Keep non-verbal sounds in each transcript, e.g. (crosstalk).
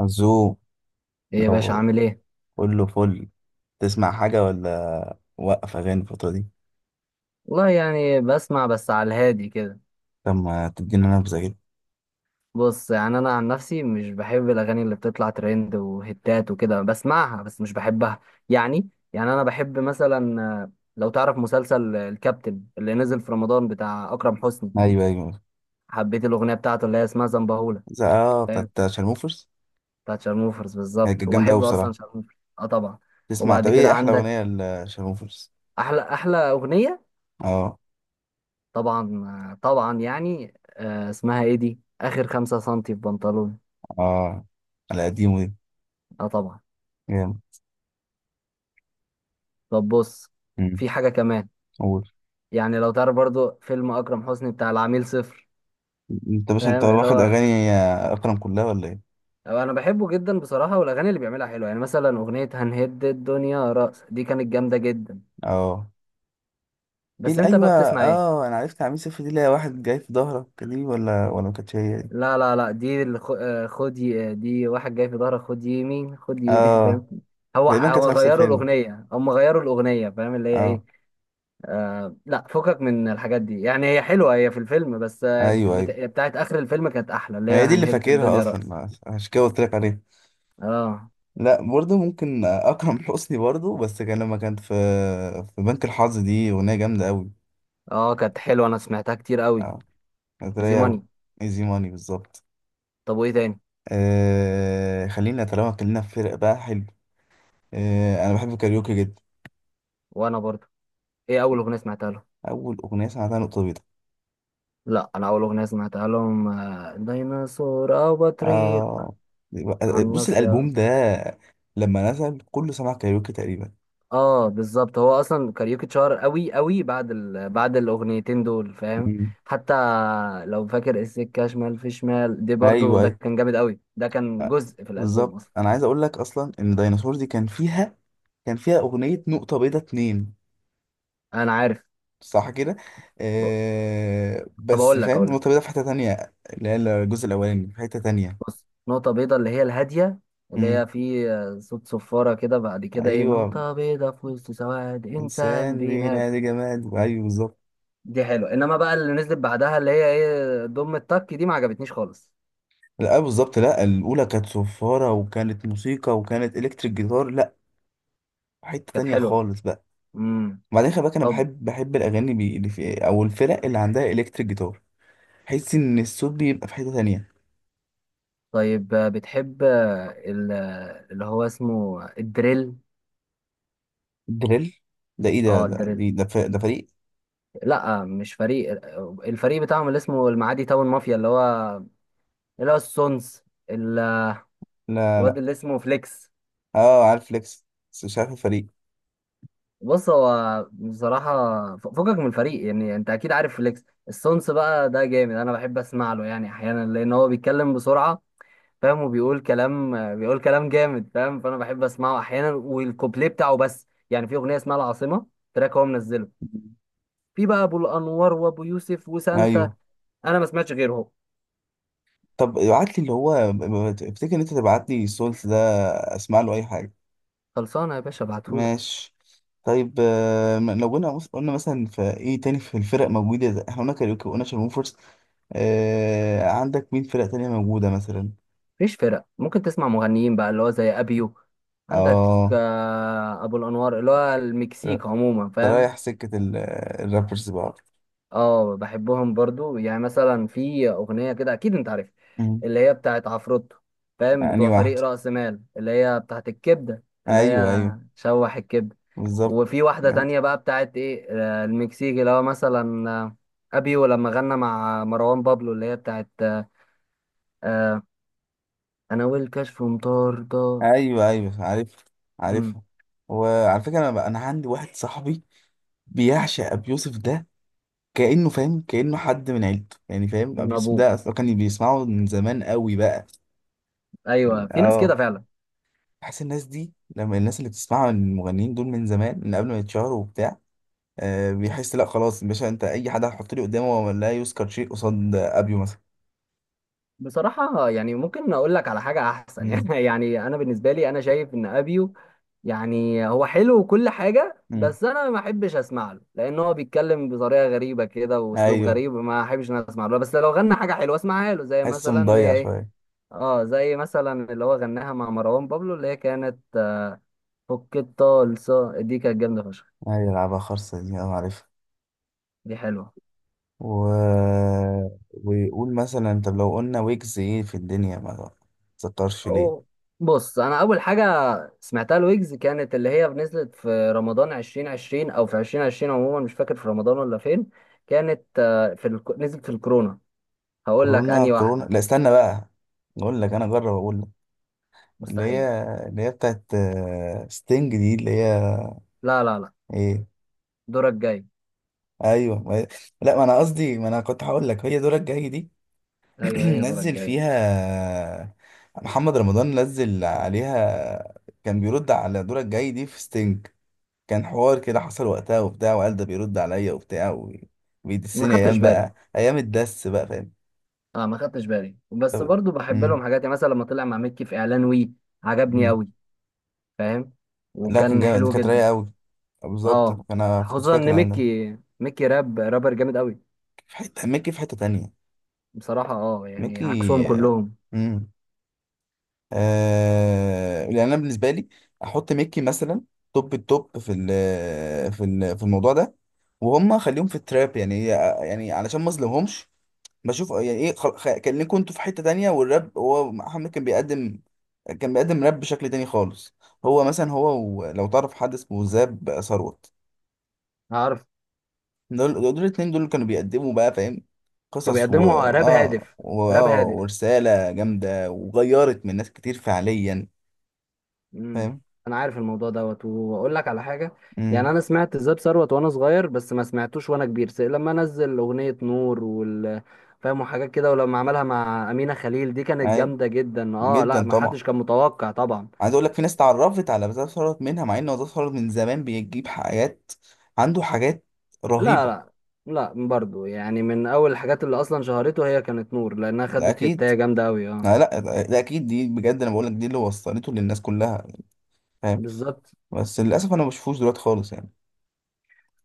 عزوم. ايه يا باشا، لو، عامل ايه؟ كله فل. تسمع حاجة ولا وقف أغاني الفترة دي؟ والله يعني بسمع بس على الهادي كده. لما تدينا نبذة كده. بص، يعني انا عن نفسي مش بحب الاغاني اللي بتطلع ترند وهتات وكده، بسمعها بس مش بحبها. يعني انا بحب مثلا، لو تعرف مسلسل الكابتن اللي نزل في رمضان بتاع اكرم حسني. أيوه، أيوه. حبيت الاغنيه بتاعته اللي هي اسمها زنبهولة. فاهم؟ بتاعت شارموفرز. بتاعت شارموفرز هي بالظبط، كانت جامدة أوي وبحب اصلا بصراحة. شارموفرز اه طبعا. تسمع؟ وبعد طب، كده إيه أحلى عندك أغنية لشارموفرز؟ احلى اغنيه اه، طبعا. طبعا يعني، اسمها ايه دي، اخر 5 سنتي في بنطلون. اه. على قديمه دي. اه طبعا. جامد. طب بص، أمم، في حاجة كمان. قول. يعني لو تعرف برضو فيلم أكرم حسني بتاع العميل صفر. أنت بس أنت فاهم اللي واخد هو، أغاني أكرم كلها ولا إيه؟ أو أنا بحبه جدا بصراحة، والأغاني اللي بيعملها حلوة، يعني مثلا أغنية هنهد الدنيا رأس دي كانت جامدة جدا. اه. في بس ال- أنت أيوه بقى بتسمع إيه؟ اه أنا عرفت عميل صفر دي، اللي هي واحد جاي في ظهرك دي ولا ما كانتش هي دي؟ لا لا لا، دي اللي خد دي واحد جاي في ظهرك، خد يمين خد يمين (laughs) اه، فاهم. هو تقريبا كانت هو في نفس غيروا الفيلم. الأغنية، هم غيروا الأغنية، فاهم اللي هي اه. إيه. آه لا، فكك من الحاجات دي، يعني هي حلوة، هي في الفيلم بس، ايوه، ايوه. بتاعت آخر الفيلم كانت أحلى، اللي هي هي دي اللي هنهد فاكرها الدنيا اصلا، رأس. عشان كده قلت لك عليها. اه لا، برضه ممكن اكرم حسني برضه، بس كان لما كانت في بنك الحظ دي اغنيه جامده قوي. اه، كانت حلوة، أنا سمعتها كتير قوي، اه، كانت زي رايقه قوي. ماني. ايزي ماني بالظبط. طب وإيه تاني؟ خلينا طالما اتكلمنا في فرق بقى حلو. انا بحب الكاريوكي جدا. وأنا برضو. إيه أول أغنية سمعتها لهم؟ اول اغنيه سمعتها نقطه بيضاء. لا، أنا أول أغنية سمعتها لهم ديناصور أو بطريق آه. على بص، الالبوم الناصية. ده لما نزل كله سمع كاريوكي تقريبا. اه بالظبط، هو اصلا كاريوكي اتشهر قوي قوي بعد بعد الاغنيتين دول، فاهم. مم. حتى لو فاكر السكه شمال في شمال دي، برضو ايوه، ده ايوه. كان جامد قوي، ده كان آه، جزء في الالبوم بالظبط اصلا. انا عايز اقول لك اصلا ان ديناصور دي كان فيها أغنية نقطة بيضة اتنين. انا عارف. صح كده. طب بس اقول لك فاهم، اقول نقطة لك بيضة في حتة تانية، اللي هي الجزء الأولاني في حتة تانية. بص، نقطه بيضه اللي هي الهاديه، اللي مم. هي في صوت صفاره كده، بعد كده ايه، أيوة. نقطه بيضه في وسط سواد انسان إنسان بينات. بينادي جماد، أيوة بالظبط. دي حلوه، انما بقى اللي نزلت بعدها اللي هي ايه، ضم التك دي ما عجبتنيش خالص. لا، بالظبط. لا، الأولى كانت صفارة وكانت موسيقى وكانت إلكتريك جيتار. لا، حتة كانت تانية حلوه. خالص بقى. امم. وبعدين خلي بالك، أنا بحب الأغاني اللي في أو الفرق اللي عندها إلكتريك جيتار. بحس إن الصوت بيبقى في حتة تانية. طيب، بتحب اللي هو اسمه الدريل؟ دريل. ده إيه؟ ده اه ده الدريل. دي- ده, ف- ده فريق؟ لا مش فريق، الفريق بتاعهم اللي اسمه المعادي تاون مافيا، اللي هو السونز، ال- لا، الواد لا. اللي اسمه فليكس. اه، عارف فليكس، بس مش عارف الفريق. بص، هو بصراحة فكك من الفريق، يعني انت اكيد عارف فليكس السونس، بقى ده جامد، انا بحب اسمع له يعني احيانا، لان هو بيتكلم بسرعة. فاهم، وبيقول كلام بيقول كلام جامد، فاهم، فانا بحب اسمعه احيانا والكوبليه بتاعه بس. يعني في اغنية اسمها العاصمة، تراك هو منزله، مم. في بقى ابو الانوار وابو يوسف وسانتا. ايوه. انا ما سمعتش غيرهم. طب ابعت لي، اللي هو افتكر ان انت تبعت لي سولت ده. اسمع له اي حاجه. خلصانه يا باشا، ابعتهولك. ماشي. طيب، لو قلنا مثلا في ايه تاني في الفرق موجوده، احنا قلنا كاريوكي وقلنا شارموفرز. عندك مين فرق تانية موجودة مثلا؟ مفيش فرق، ممكن تسمع مغنيين بقى اللي هو زي ابيو. عندك اه. ابو الانوار اللي هو ر- المكسيك عموما، أنت فاهم. رايح سكة الرابرز بقى. اه بحبهم برضو، يعني مثلا في اغنيه كده اكيد انت عارف، مم. اللي هي بتاعت عفروتو، فاهم، أنهي بتوع فريق واحدة؟ رأس مال، اللي هي بتاعت الكبده، اللي أيوه، هي أيوه. شوح الكبده. بالظبط. وفي واحدة تانية بقى بتاعت ايه، المكسيكي اللي هو مثلا، ابيو لما غنى مع مروان بابلو، اللي هي بتاعت، آه، انا والكشف مطاردة. ايوه، ايوه، عارف، مم. عارفها. وعلى فكره، انا عندي واحد صاحبي بيعشق ابي يوسف ده. كانه، فاهم؟ كانه حد من عيلته يعني، فاهم؟ ابن ابي يوسف ابوه. ده اصلا كان بيسمعه من زمان قوي بقى. ايوه في ناس اه. كده فعلا. بحس الناس دي، لما الناس اللي بتسمعها من المغنيين دول من زمان، من قبل ما يتشهروا وبتاع، بيحس لا خلاص يا باشا، انت اي حد هتحط لي قدامه هو لا يذكر شيء قصاد ابيو مثلا. بصراحة يعني، ممكن اقول لك على حاجة احسن (laughs) امم. يعني، يعني انا بالنسبة لي، انا شايف ان ابيو، يعني هو حلو وكل حاجة، امم. بس انا ما احبش اسمع له، لان هو بيتكلم بطريقة غريبة كده واسلوب ايوه. غريب، ما احبش ان أنا اسمع له، بس لو غنى حاجة حلوة اسمعها له، زي حسه مثلا اللي هي مضيع ايه. شويه. اه زي مثلا اللي هو غناها مع مروان بابلو، اللي هي كانت فك الطلسة، دي كانت جامدة فشخ. ايوه لعبها خرصه دي انا عارفها. دي حلوة. و... ويقول مثلا، طب لو قلنا ويجز، ايه في الدنيا ما تذكرش ليه؟ أو بص، أنا أول حاجة سمعتها لويجز كانت اللي هي نزلت في رمضان 2020، أو في 2020 عموما مش فاكر في رمضان ولا فين. كانت في نزلت في الكورونا. هقول لك كورونا، أنهي كورونا. واحدة. لا، استنى بقى. اقول لك، انا اجرب اقول لك. اللي هي مستحيل. اللي هي بتاعت ستينج دي، اللي هي لا لا لا، ايه؟ دورك جاي. ايوه، ما... لا، ما انا كنت هقول لك هي دورك الجاي دي. أيوه (clears throat) هي دورك نزل جاي. فيها محمد رمضان، نزل عليها. كان بيرد على دورك الجاي دي في ستينج. كان حوار كده حصل وقتها وبتاع، وقال ده بيرد عليا وبتاع ما وبيدسني خدتش ايام، بالي. بقى ايام الدس بقى، فاهم؟ اه ما خدتش بالي، بس طب- برضو بحب مم. لهم حاجات، يعني مثلا لما طلع مع مكي في إعلان وي، عجبني مم. أوي. فاهم، لا، كان وكان جامد، حلو كانت رايقه جدا. قوي. بالظبط اه انا كنت خصوصا ان فاكر انا ده. ميكي راب رابر جامد قوي. في حته ميكي، في حته تانية. بصراحة اه يعني ميكي. عكسهم كلهم. امم. يعني انا بالنسبه لي، احط ميكي مثلا توب التوب، في الموضوع ده. وهم خليهم في التراب يعني علشان ما اظلمهمش. بشوف يعني ايه، كان ليكوا انتوا في حتة تانية، والراب هو محمد كان بيقدم، كان بيقدم راب بشكل تاني خالص. هو مثلا، لو تعرف حد اسمه زاب ثروت، عارف، دول الاتنين دول كانوا بيقدموا بقى، فاهم؟ كانوا قصص و بيقدموا راب اه هادف، و... راب اه هادف. ورسالة جامدة، وغيرت من ناس كتير فعليا. امم. فاهم. انا عارف الموضوع دوت، واقول لك على حاجة. يعني امم. انا سمعت زاب ثروت وانا صغير، بس ما سمعتوش وانا كبير، لما نزل اغنية نور وال، فاهم، وحاجات كده، ولما عملها مع أمينة خليل دي كانت ايوه جامدة جدا. اه جدا لا، ما طبعا. حدش كان متوقع طبعا. عايز اقول لك، في ناس اتعرفت على زاب ثروت منها، مع ان هو زاب ثروت من زمان بيجيب حاجات، عنده حاجات لا رهيبة. لا لا، برضو يعني من اول الحاجات اللي اصلا شهرته هي كانت نور، لانها ده خدت اكيد. هتاية جامدة قوي اه. لا، لا. ده اكيد، دي بجد انا بقول لك، دي اللي وصلته للناس كلها. فاهم. بالظبط. بس للاسف انا ما بشوفوش دلوقتي خالص يعني.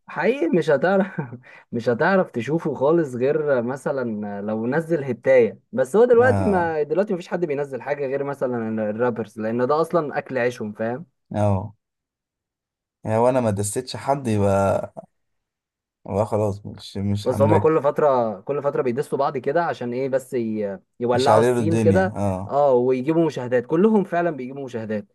حقيقي مش هتعرف (laughs) مش هتعرف تشوفه خالص غير مثلا لو نزل هتاية، بس هو دلوقتي اه، ما دلوقتي مفيش حد بينزل حاجة غير مثلا الرابرز، لان ده اصلا اكل عيشهم، فاهم. اه. يعني وانا ما دستش حد، يبقى خلاص مش بس هما هنركز. كل فترة كل فترة بيدسوا بعض كده عشان ايه، بس مش يولعوا هعرف السين الدنيا، كده. اه. اه ويجيبوا مشاهدات، كلهم فعلا بيجيبوا مشاهدات،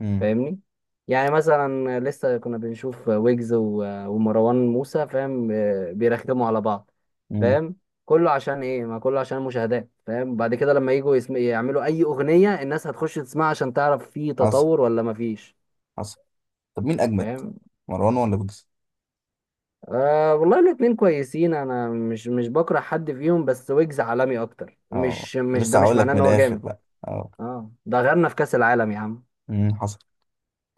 امم. فاهمني. يعني مثلا لسه كنا بنشوف ويجز ومروان موسى، فاهم، بيرخموا على بعض، امم. فاهم، كله عشان ايه، ما كله عشان المشاهدات، فاهم، بعد كده لما يجوا يعملوا اي اغنية، الناس هتخش تسمعها عشان تعرف في حصل، تطور ولا ما فيش. حصل. طب مين اجمد، فاهم. مروان ولا ويجز؟ أه والله الاتنين كويسين، انا مش بكره حد فيهم، بس ويجز عالمي اكتر، اه، مش ده لسه مش هقول معناه لك من ان هو الاخر جامد. بقى. اه. اه ده غيرنا في كأس العالم يا عم. امم، حصل.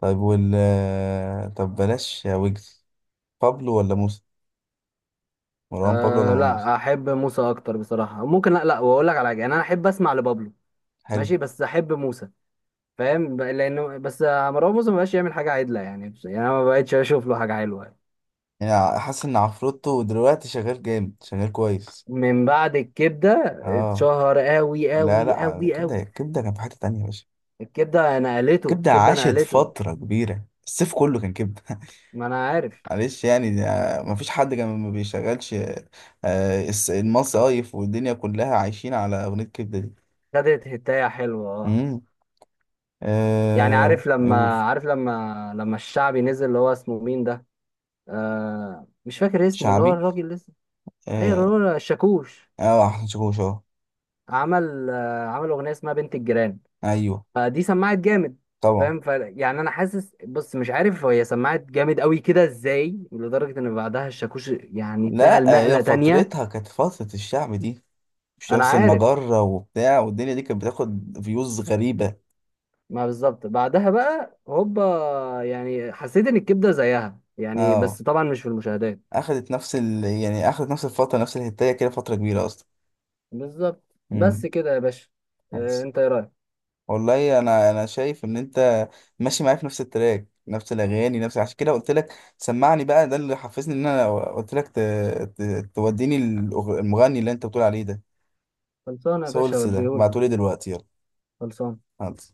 طيب، طب بلاش يا ويجز. بابلو ولا موسى؟ مروان بابلو ولا أه مروان موسى؟ لا، احب موسى اكتر بصراحه، ممكن، لا لا واقول لك على حاجه، يعني انا احب اسمع لبابلو، حلو. ماشي، بس احب موسى. فاهم، لانه بس مروان موسى ما بقاش يعمل حاجه عدله، يعني يعني انا ما بقتش اشوف له حاجه حلوه. يعني حاسس ان عفروتو دلوقتي شغال جامد، شغال كويس. من بعد الكبده اه. اتشهر قوي لا، قوي لا، قوي كبده، قوي. كبده كان في حته تانية يا باشا. الكبده نقلته، كبده الكبده عاشت نقلته. فتره كبيره، الصيف كله كان كبده. (laughs) ما انا عارف. معلش يعني، ده مفيش حد كان ما بيشغلش المصايف والدنيا كلها عايشين على اغنيه كبده دي. خدت هتايه حلوه اه. امم. يعني عارف نقول. لما عارف لما لما الشعبي نزل، اللي هو اسمه مين ده، أه مش فاكر اسمه، اللي هو شعبي. الراجل لسه. ايوه اه. الراجل الشاكوش. احسن شاكوش اه. عمل عمل اغنيه اسمها بنت الجيران. ايوه، فدي سمعت جامد. طبعا. فاهم، ف يعني انا حاسس، بص، مش عارف هي سمعت جامد قوي كده ازاي، لدرجه ان بعدها الشاكوش يعني اتنقل لا، هي نقله تانية. فترتها كانت فتره الشعب دي، انا شمس عارف. المجرة وبتاع، والدنيا دي كانت بتاخد فيوز غريبة. ما بالظبط بعدها بقى هوبا، يعني حسيت ان الكبده زيها يعني، اه، بس طبعا مش في المشاهدات. اخدت نفس يعني اخدت نفس الفترة، نفس الهتاية كده، فترة كبيرة اصلا. بالظبط. امم. بس كده يا باشا. بس. انت ايه رايك؟ والله انا شايف ان انت ماشي معايا في نفس التراك، نفس الاغاني، نفس. عشان كده قلت لك سمعني بقى، ده اللي حفزني ان انا قلت لك ت... توديني. المغني اللي انت بتقول عليه ده، خلصانه يا باشا، سولس ده، وديهولك. بعتولي دلوقتي يلا. خلصانه خلاص.